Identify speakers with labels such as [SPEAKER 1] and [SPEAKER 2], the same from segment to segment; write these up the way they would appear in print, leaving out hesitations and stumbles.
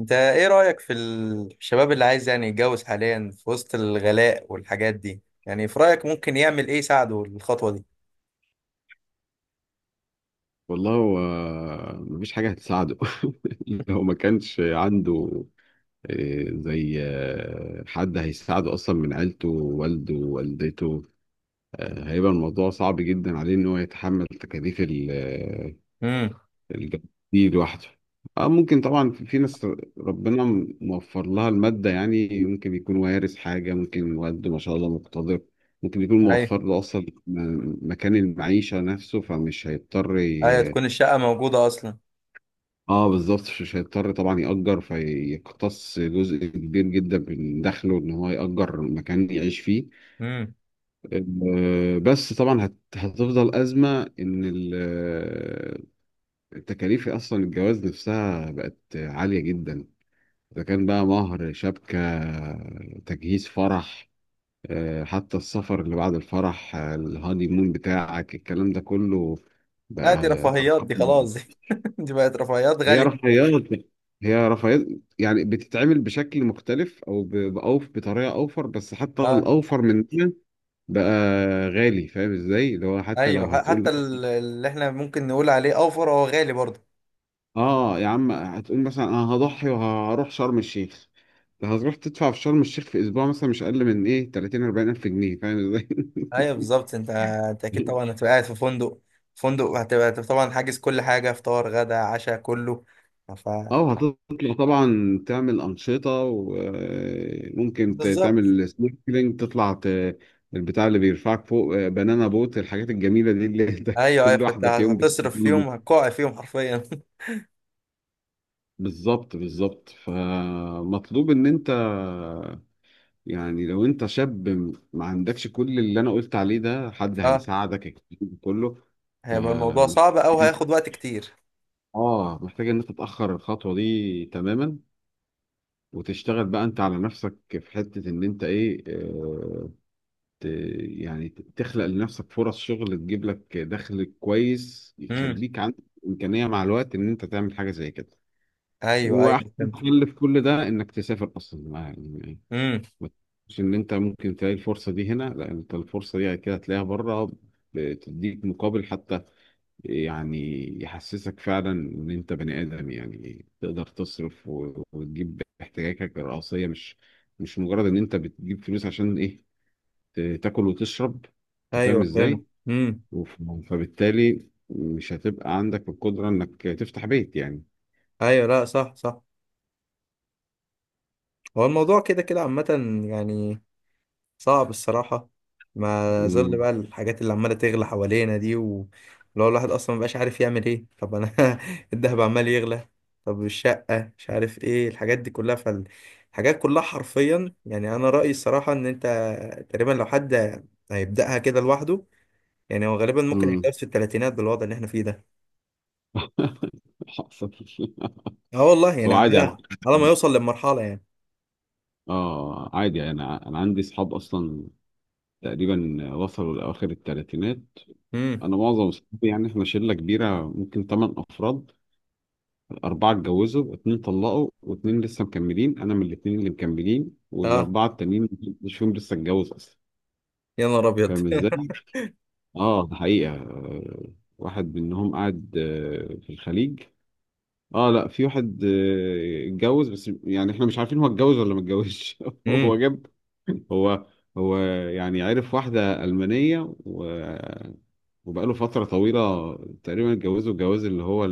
[SPEAKER 1] انت ايه رأيك في الشباب اللي عايز يعني يتجوز حاليا في وسط الغلاء والحاجات دي يعني في رأيك ممكن يعمل ايه يساعده الخطوة دي.
[SPEAKER 2] والله، هو مفيش حاجة هتساعده. لو ما كانش عنده زي حد هيساعده أصلا من عيلته والده ووالدته، هيبقى الموضوع صعب جدا عليه إن هو يتحمل تكاليف
[SPEAKER 1] امم
[SPEAKER 2] الجواز دي لوحده. اه، ممكن طبعا في ناس ربنا موفر لها المادة، يعني ممكن يكون وارث حاجة، ممكن والده ما شاء الله مقتدر، ممكن يكون
[SPEAKER 1] ايوه،
[SPEAKER 2] موفر له أصلا مكان المعيشة نفسه، فمش هيضطر.
[SPEAKER 1] ايوه تكون الشقة موجودة اصلا.
[SPEAKER 2] اه بالظبط، مش هيضطر طبعا يأجر فيقتص جزء كبير جدا من دخله ان هو يأجر مكان يعيش فيه.
[SPEAKER 1] امم
[SPEAKER 2] بس طبعا هتفضل أزمة ان التكاليف اصلا الجواز نفسها بقت عالية جدا. اذا كان بقى مهر، شبكة، تجهيز، فرح، حتى السفر اللي بعد الفرح، الهاني مون بتاعك، الكلام ده كله
[SPEAKER 1] لا دي
[SPEAKER 2] بقى
[SPEAKER 1] رفاهيات،
[SPEAKER 2] أرقام.
[SPEAKER 1] دي خلاص دي، دي بقت رفاهيات
[SPEAKER 2] هي
[SPEAKER 1] غالية.
[SPEAKER 2] رفاهيات، هي رفاهيات، يعني بتتعمل بشكل مختلف بأوف، بطريقه اوفر، بس حتى
[SPEAKER 1] اه،
[SPEAKER 2] الاوفر من ده بقى غالي. فاهم ازاي؟ اللي هو حتى لو
[SPEAKER 1] ايوه ح- حتى
[SPEAKER 2] هتقول
[SPEAKER 1] ال- اللي احنا ممكن نقول عليه اوفر هو غالي برضه.
[SPEAKER 2] اه يا عم، هتقول مثلا انا هضحي وهروح شرم الشيخ، هتروح تدفع في شرم الشيخ في اسبوع مثلا مش اقل من ايه 30 40 الف جنيه، فاهم ازاي؟
[SPEAKER 1] ايوه بالظبط، انت اكيد طبعا هتبقى قاعد في فندق، فندق، هتبقى طبعا حاجز كل حاجة، فطار غدا عشاء كله. ف
[SPEAKER 2] اه، هتطلع طبعا تعمل أنشطة وممكن
[SPEAKER 1] بالظبط.
[SPEAKER 2] تعمل سنوركلينج، البتاع اللي بيرفعك فوق، بنانا بوت، الحاجات الجميلة دي اللي انت
[SPEAKER 1] ايوه ايوه،
[SPEAKER 2] كل
[SPEAKER 1] فانت
[SPEAKER 2] واحدة في يوم
[SPEAKER 1] هتصرف
[SPEAKER 2] بتجيلي.
[SPEAKER 1] فيهم، هتقع فيهم حرفيا.
[SPEAKER 2] بالظبط، بالظبط، فمطلوب ان انت يعني لو انت شاب ما عندكش كل اللي انا قلت عليه ده، حد
[SPEAKER 1] اه،
[SPEAKER 2] هيساعدك الكلام ده كله،
[SPEAKER 1] هيبقى الموضوع
[SPEAKER 2] فمش،
[SPEAKER 1] صعب او هياخد وقت كتير.
[SPEAKER 2] اه، محتاج ان انت تتأخر الخطوة دي تماما، وتشتغل بقى انت على نفسك في حتة ان انت ايه، ت تخلق لنفسك فرص شغل، تجيب لك دخل كويس
[SPEAKER 1] امم
[SPEAKER 2] يخليك عندك إمكانية مع الوقت ان انت تعمل حاجة زي كده.
[SPEAKER 1] ايوه ايوه
[SPEAKER 2] واحسن
[SPEAKER 1] فهمت.
[SPEAKER 2] حل في كل ده انك تسافر اصلا، يعني إيه،
[SPEAKER 1] امم
[SPEAKER 2] ما تقولش ان انت ممكن تلاقي الفرصة دي هنا، لا انت الفرصة دي كده هتلاقيها بره، بتديك مقابل حتى، يعني يحسسك فعلا ان انت بني ادم، يعني تقدر تصرف وتجيب احتياجاتك الرئيسيه، مش مجرد ان انت بتجيب فلوس عشان ايه، تاكل وتشرب. انت فاهم
[SPEAKER 1] ايوه فهمت.
[SPEAKER 2] ازاي؟
[SPEAKER 1] امم
[SPEAKER 2] وف- فبالتالي مش هتبقى عندك القدره انك تفتح بيت يعني.
[SPEAKER 1] ايوه، لا صح صح. هو الموضوع كده كده عامة يعني، صعب الصراحة. ما ظل
[SPEAKER 2] مم.
[SPEAKER 1] بقى الحاجات اللي عمالة تغلى حوالينا دي و- ولو الواحد أصلا مبقاش عارف يعمل إيه، طب أنا الدهب عمال يغلى، طب الشقة مش عارف إيه، الحاجات دي كلها، فالحاجات كلها حرفيا. يعني أنا رأيي الصراحة إن أنت تقريبا لو حد هيبدأها كده لوحده يعني، هو غالبا ممكن
[SPEAKER 2] مم.
[SPEAKER 1] هيتجوز في التلاتينات بالوضع اللي إحنا فيه ده.
[SPEAKER 2] حصل.
[SPEAKER 1] أه والله يعني،
[SPEAKER 2] هو عادي على
[SPEAKER 1] على
[SPEAKER 2] فكره،
[SPEAKER 1] على ما يوصل للمرحلة يعني.
[SPEAKER 2] اه عادي، انا عندي اصحاب اصلا تقريبا وصلوا لاواخر الثلاثينات.
[SPEAKER 1] امم
[SPEAKER 2] انا معظم اصحابي، يعني احنا شله كبيره ممكن ثمان افراد، أربعة اتجوزوا، اتنين طلقوا، واتنين لسه مكملين. أنا من الاتنين اللي مكملين،
[SPEAKER 1] أه،
[SPEAKER 2] والأربعة التانيين مش فيهم لسه اتجوز أصلا.
[SPEAKER 1] يا نهار أبيض.
[SPEAKER 2] فاهم إزاي؟ ده حقيقة. واحد منهم قاعد في الخليج. آه، لا في واحد اتجوز، بس يعني إحنا مش عارفين هو اتجوز ولا ما اتجوزش. هو
[SPEAKER 1] امم
[SPEAKER 2] جاب، هو هو يعني عرف واحدة ألمانية وبقاله فترة طويلة، تقريبا اتجوزوا الجواز اللي هو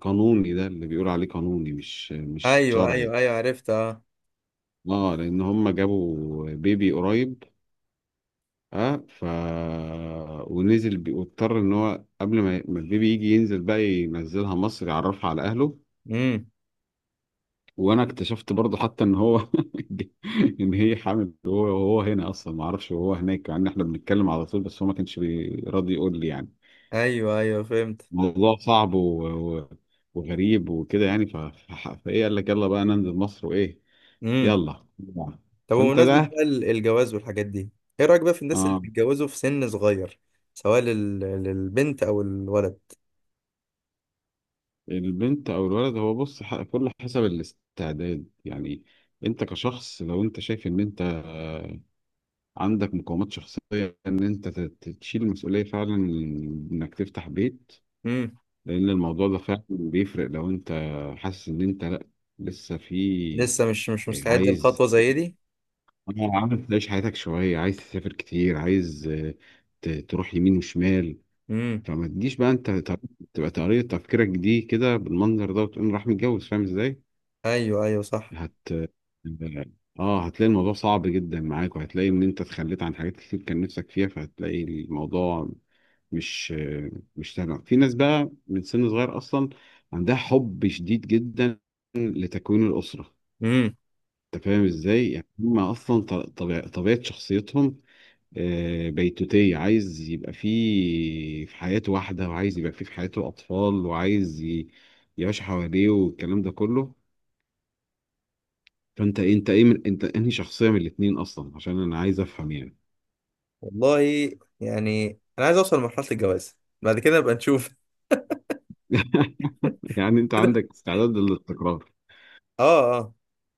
[SPEAKER 2] قانوني، ده اللي بيقول عليه قانوني مش
[SPEAKER 1] أيوه
[SPEAKER 2] شرعي.
[SPEAKER 1] أيوه أيوه، عرفت أه.
[SPEAKER 2] اه لان هم جابوا بيبي قريب. اه ف ونزل واضطر ان هو قبل ما البيبي يجي ينزل بقى ينزلها مصر يعرفها على اهله.
[SPEAKER 1] امم
[SPEAKER 2] وانا اكتشفت برضه حتى ان هو ان هي حامل، وهو هنا اصلا ما اعرفش، وهو هناك، يعني احنا بنتكلم على طول، بس هو ما كانش راضي يقول لي يعني.
[SPEAKER 1] أيوه أيوه فهمت.
[SPEAKER 2] موضوع صعب و... وغريب وكده يعني، فايه قال لك يلا بقى ننزل مصر وايه؟
[SPEAKER 1] امم
[SPEAKER 2] يلا.
[SPEAKER 1] طب
[SPEAKER 2] فانت
[SPEAKER 1] بمناسبة
[SPEAKER 2] ده،
[SPEAKER 1] بقى الجواز والحاجات دي، ايه رأيك بقى في الناس اللي
[SPEAKER 2] اه
[SPEAKER 1] بيتجوزوا في سن صغير، سواء لل... للبنت او الولد.
[SPEAKER 2] البنت او الولد، هو بص، كله حسب الاستعداد يعني. انت كشخص، لو انت شايف ان انت عندك مقومات شخصية ان انت تشيل المسؤولية فعلا، انك تفتح بيت،
[SPEAKER 1] امم
[SPEAKER 2] لان الموضوع ده فعلا بيفرق. لو انت حاسس ان انت لا، لسه في،
[SPEAKER 1] لسه مش مستعد
[SPEAKER 2] عايز،
[SPEAKER 1] لخطوة زي دي.
[SPEAKER 2] عايز تعيش حياتك شوية، عايز تسافر كتير، عايز، تروح يمين وشمال،
[SPEAKER 1] امم
[SPEAKER 2] فما تجيش بقى انت تبقى طريقة تفكيرك دي كده بالمنظر ده، وتقوم راح متجوز. فاهم ازاي؟
[SPEAKER 1] ايوه ايوه صح.
[SPEAKER 2] هت اه آه، هتلاقي الموضوع صعب جدا معاك، وهتلاقي ان انت اتخليت عن حاجات كتير كان نفسك فيها، فهتلاقي الموضوع مش مش سهل. في ناس بقى من سن صغير اصلا عندها حب شديد جدا لتكوين الاسرة.
[SPEAKER 1] امم
[SPEAKER 2] انت فاهم ازاي؟ يعني هم اصلا طبيعة شخصيتهم بيتوتية، عايز يبقى فيه في حياته واحدة، وعايز يبقى فيه في حياته أطفال، وعايز يعيش حواليه والكلام ده كله. فأنت إيه، من أنت، أنهي شخصية من الاتنين أصلا، عشان أنا عايز أفهم يعني.
[SPEAKER 1] والله يعني، انا عايز اوصل لمرحلة الجواز، بعد كده نبقى نشوف.
[SPEAKER 2] يعني أنت عندك استعداد للاستقرار؟
[SPEAKER 1] اه اه،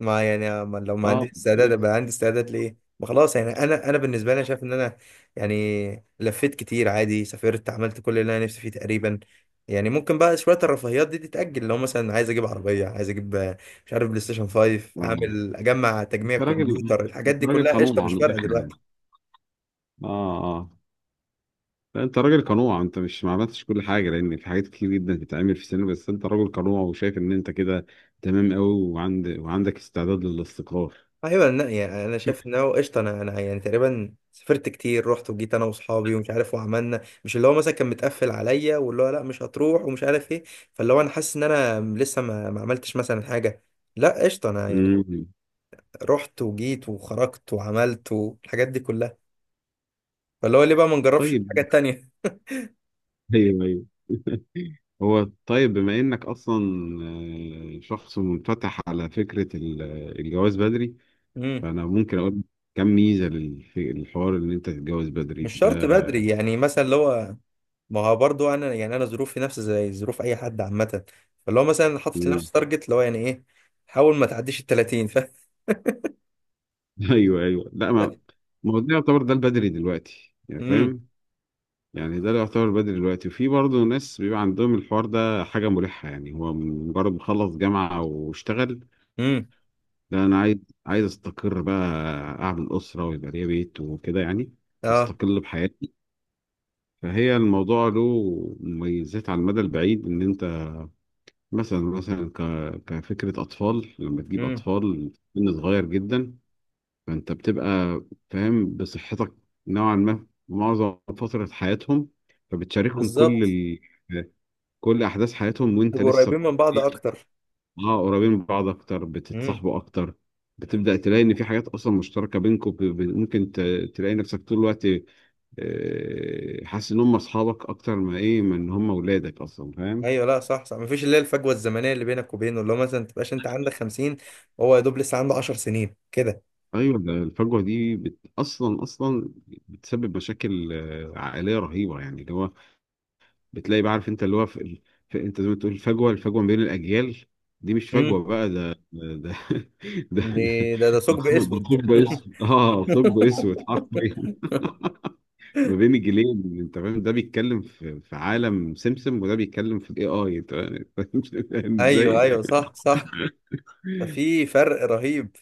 [SPEAKER 1] ما يعني، ما لو ما
[SPEAKER 2] أه،
[SPEAKER 1] عنديش استعداد
[SPEAKER 2] كويس.
[SPEAKER 1] ابقى عندي استعداد ليه، ما خلاص. يعني انا بالنسبه لي شايف ان انا يعني لفيت كتير عادي، سافرت، عملت كل اللي انا نفسي فيه تقريبا. يعني ممكن بقى شويه الرفاهيات دي تتاجل، لو مثلا عايز اجيب عربيه، عايز اجيب آه، مش عارف بلاي ستيشن 5،
[SPEAKER 2] آه.
[SPEAKER 1] اعمل اجمع تجميع
[SPEAKER 2] أنت راجل
[SPEAKER 1] كمبيوتر، الحاجات
[SPEAKER 2] أنت
[SPEAKER 1] دي
[SPEAKER 2] راجل
[SPEAKER 1] كلها
[SPEAKER 2] قانون
[SPEAKER 1] قشطه، مش
[SPEAKER 2] على
[SPEAKER 1] فارقه
[SPEAKER 2] الآخر يعني.
[SPEAKER 1] دلوقتي.
[SPEAKER 2] أه، اه، لا انت راجل قنوع، انت مش ما عملتش كل حاجه لان في حاجات كتير جدا تتعمل في السينما، بس انت راجل قنوع وشايف ان انت كده تمام قوي، وعندك استعداد للاستقرار.
[SPEAKER 1] ايوه لا، يعني انا شايف ان هو قشطه. انا يعني تقريبا سافرت كتير، رحت وجيت انا واصحابي ومش عارف، وعملنا مش اللي هو مثلا كان متقفل عليا، واللي هو لا مش هتروح ومش عارف ايه. فاللي هو انا حاسس ان انا لسه ما عملتش مثلا حاجه. لا قشطه انا يعني،
[SPEAKER 2] امم
[SPEAKER 1] رحت وجيت وخرجت وعملت والحاجات دي كلها. فاللي هو ليه بقى ما نجربش الحاجه
[SPEAKER 2] طيب،
[SPEAKER 1] التانيه.
[SPEAKER 2] ايوه، ايوه، هو طيب، بما انك اصلا شخص منفتح على فكره الجواز بدري،
[SPEAKER 1] امم
[SPEAKER 2] فانا ممكن اقول كم ميزه للحوار ان انت تتجوز بدري
[SPEAKER 1] مش
[SPEAKER 2] ده.
[SPEAKER 1] شرط بدري يعني، مثلا اللي هو، ما هو برضو انا يعني، انا ظروفي نفس زي ظروف اي حد عامه. فاللي هو مثلا حاطط
[SPEAKER 2] مم.
[SPEAKER 1] لنفسي تارجت اللي هو يعني ايه، حاول ما تعديش ال 30.
[SPEAKER 2] ايوه، ايوه، لا، ما هو ده يعتبر ده البدري دلوقتي يعني،
[SPEAKER 1] امم
[SPEAKER 2] فاهم؟ يعني ده اللي يعتبر بدري دلوقتي، وفي برضه ناس بيبقى عندهم الحوار ده حاجة مريحة، يعني هو مجرد ما خلص جامعة واشتغل،
[SPEAKER 1] امم
[SPEAKER 2] لا أنا عايز أستقر بقى، أعمل أسرة ويبقى ليا بيت وكده يعني،
[SPEAKER 1] اه.
[SPEAKER 2] وأستقل بحياتي. فهي الموضوع له مميزات على المدى البعيد، إن أنت مثلا كفكرة أطفال، لما تجيب
[SPEAKER 1] امم
[SPEAKER 2] أطفال سن صغير جدا، فأنت بتبقى فاهم بصحتك نوعا ما معظم فترة حياتهم، فبتشاركهم
[SPEAKER 1] بالظبط،
[SPEAKER 2] كل احداث حياتهم وانت
[SPEAKER 1] تبقوا
[SPEAKER 2] لسه
[SPEAKER 1] قريبين من بعض
[SPEAKER 2] إيه؟
[SPEAKER 1] اكتر.
[SPEAKER 2] اه، قريبين من بعض اكتر،
[SPEAKER 1] امم
[SPEAKER 2] بتتصاحبوا اكتر، بتبدا تلاقي ان في حاجات اصلا مشتركه بينكم، ممكن تلاقي نفسك طول الوقت حاسس ان هم اصحابك اكتر، ما ايه ما ان هم ولادك اصلا، فاهم؟
[SPEAKER 1] ايوه لا صح صح، مفيش اللي هي الفجوه الزمنيه اللي بينك وبينه، اللي هو مثلا ما تبقاش انت عندك 50 وهو يا دوب لسه عنده 10 سنين كده.
[SPEAKER 2] ايوه، ده الفجوه دي اصلا اصلا بتسبب مشاكل عائليه رهيبه، يعني اللي هو بتلاقي بقى، عارف انت اللي هو في في، انت زي ما تقول الفجوه ما بين الاجيال، دي مش
[SPEAKER 1] امم
[SPEAKER 2] فجوه بقى، ده ده ده. ده
[SPEAKER 1] ده ثقب
[SPEAKER 2] ثقب، ده
[SPEAKER 1] اسود.
[SPEAKER 2] ثقب اسود، اه، ثقب اسود حرفيا ما بين الجيلين. انت فاهم، ده بيتكلم في عالم سمسم، وده بيتكلم في الاي اي، انت فاهم؟ فاهم
[SPEAKER 1] ايوه
[SPEAKER 2] ازاي؟
[SPEAKER 1] ايوه صح صح، في فرق رهيب.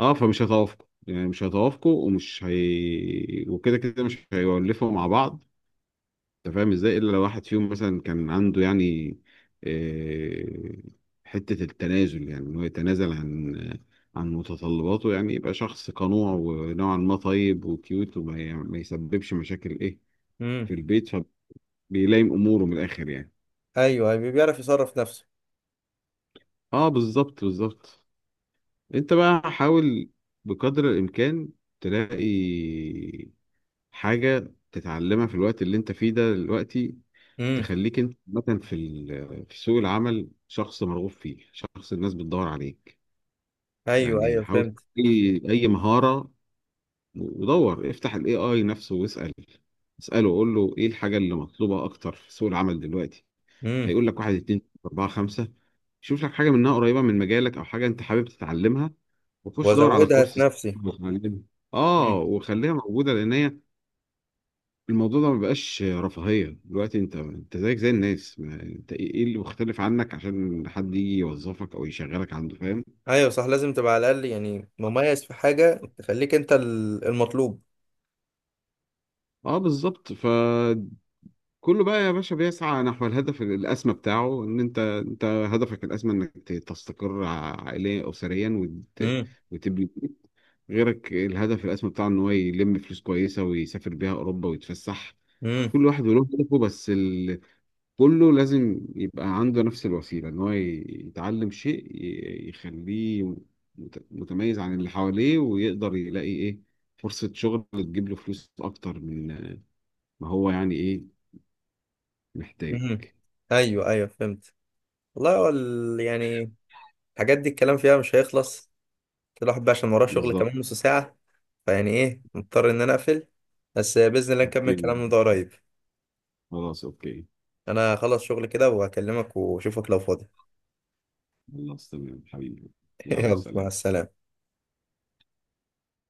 [SPEAKER 2] اه، فمش هيتوافقوا يعني، مش هيتوافقوا، ومش هي، وكده كده مش هيولفوا مع بعض. انت فاهم ازاي، الا لو واحد فيهم مثلا كان عنده يعني آه، حتة التنازل، يعني ان هو يتنازل عن متطلباته، يعني يبقى شخص قنوع ونوعا ما طيب وكيوت، وما ي- ما يسببش مشاكل ايه في
[SPEAKER 1] امم
[SPEAKER 2] البيت، فبيلائم اموره من الاخر يعني.
[SPEAKER 1] ايوه أيوة، بيعرف يصرف نفسه.
[SPEAKER 2] اه بالظبط، بالظبط. انت بقى حاول بقدر الامكان تلاقي حاجة تتعلمها في الوقت اللي انت فيه ده دلوقتي،
[SPEAKER 1] امم
[SPEAKER 2] تخليك انت مثلا في في سوق العمل شخص مرغوب فيه، شخص الناس بتدور عليك.
[SPEAKER 1] ايوه
[SPEAKER 2] يعني
[SPEAKER 1] ايوه
[SPEAKER 2] حاول،
[SPEAKER 1] فهمت.
[SPEAKER 2] اي اي مهارة، ودور افتح الاي اي نفسه واسأل، اسأله وقول له ايه الحاجة اللي مطلوبة اكتر في سوق العمل دلوقتي.
[SPEAKER 1] امم
[SPEAKER 2] هيقول لك واحد، اتنين، تلاتة، اربعة، خمسة، شوف لك حاجة منها قريبة من مجالك او حاجة انت حابب تتعلمها، وخش دور على
[SPEAKER 1] وازودها في
[SPEAKER 2] كورس،
[SPEAKER 1] نفسي.
[SPEAKER 2] اتعلمها، اه، وخليها موجودة، لان هي الموضوع ده ما بقاش رفاهية دلوقتي، انت زيك زي الناس، ما انت ايه، اللي مختلف عنك عشان حد يجي يوظفك او يشغلك عنده، فاهم؟
[SPEAKER 1] ايوه صح، لازم تبقى على الاقل يعني مميز في حاجه تخليك انت المطلوب.
[SPEAKER 2] اه بالظبط، فكله بقى يا باشا بيسعى نحو الهدف الاسمى بتاعه، ان انت، هدفك الاسمى انك تستقر عائليا، اسريا،
[SPEAKER 1] امم
[SPEAKER 2] وتبني بيت. غيرك الهدف الاسمى بتاعه ان هو يلم فلوس كويسة ويسافر بيها اوروبا ويتفسح،
[SPEAKER 1] امم
[SPEAKER 2] كل واحد وله هدفه، بس كله لازم يبقى عنده نفس الوسيلة، إن هو يتعلم شيء يخليه متميز عن اللي حواليه، ويقدر يلاقي إيه فرصة شغل تجيب له فلوس أكتر من ما هو يعني إيه محتاج.
[SPEAKER 1] امم ايوه ايوه فهمت. والله هو ال- يعني الحاجات دي الكلام فيها مش هيخلص، الواحد بقى عشان وراه شغل
[SPEAKER 2] بالظبط.
[SPEAKER 1] كمان نص ساعة، فيعني ايه مضطر ان انا اقفل، بس باذن الله نكمل
[SPEAKER 2] أوكي،
[SPEAKER 1] كلامنا ده قريب.
[SPEAKER 2] خلاص، أوكي،
[SPEAKER 1] انا خلص شغل كده وهكلمك واشوفك لو فاضي.
[SPEAKER 2] خلاص تمام حبيبي. يلا
[SPEAKER 1] يلا مع
[SPEAKER 2] سلام.
[SPEAKER 1] السلامه.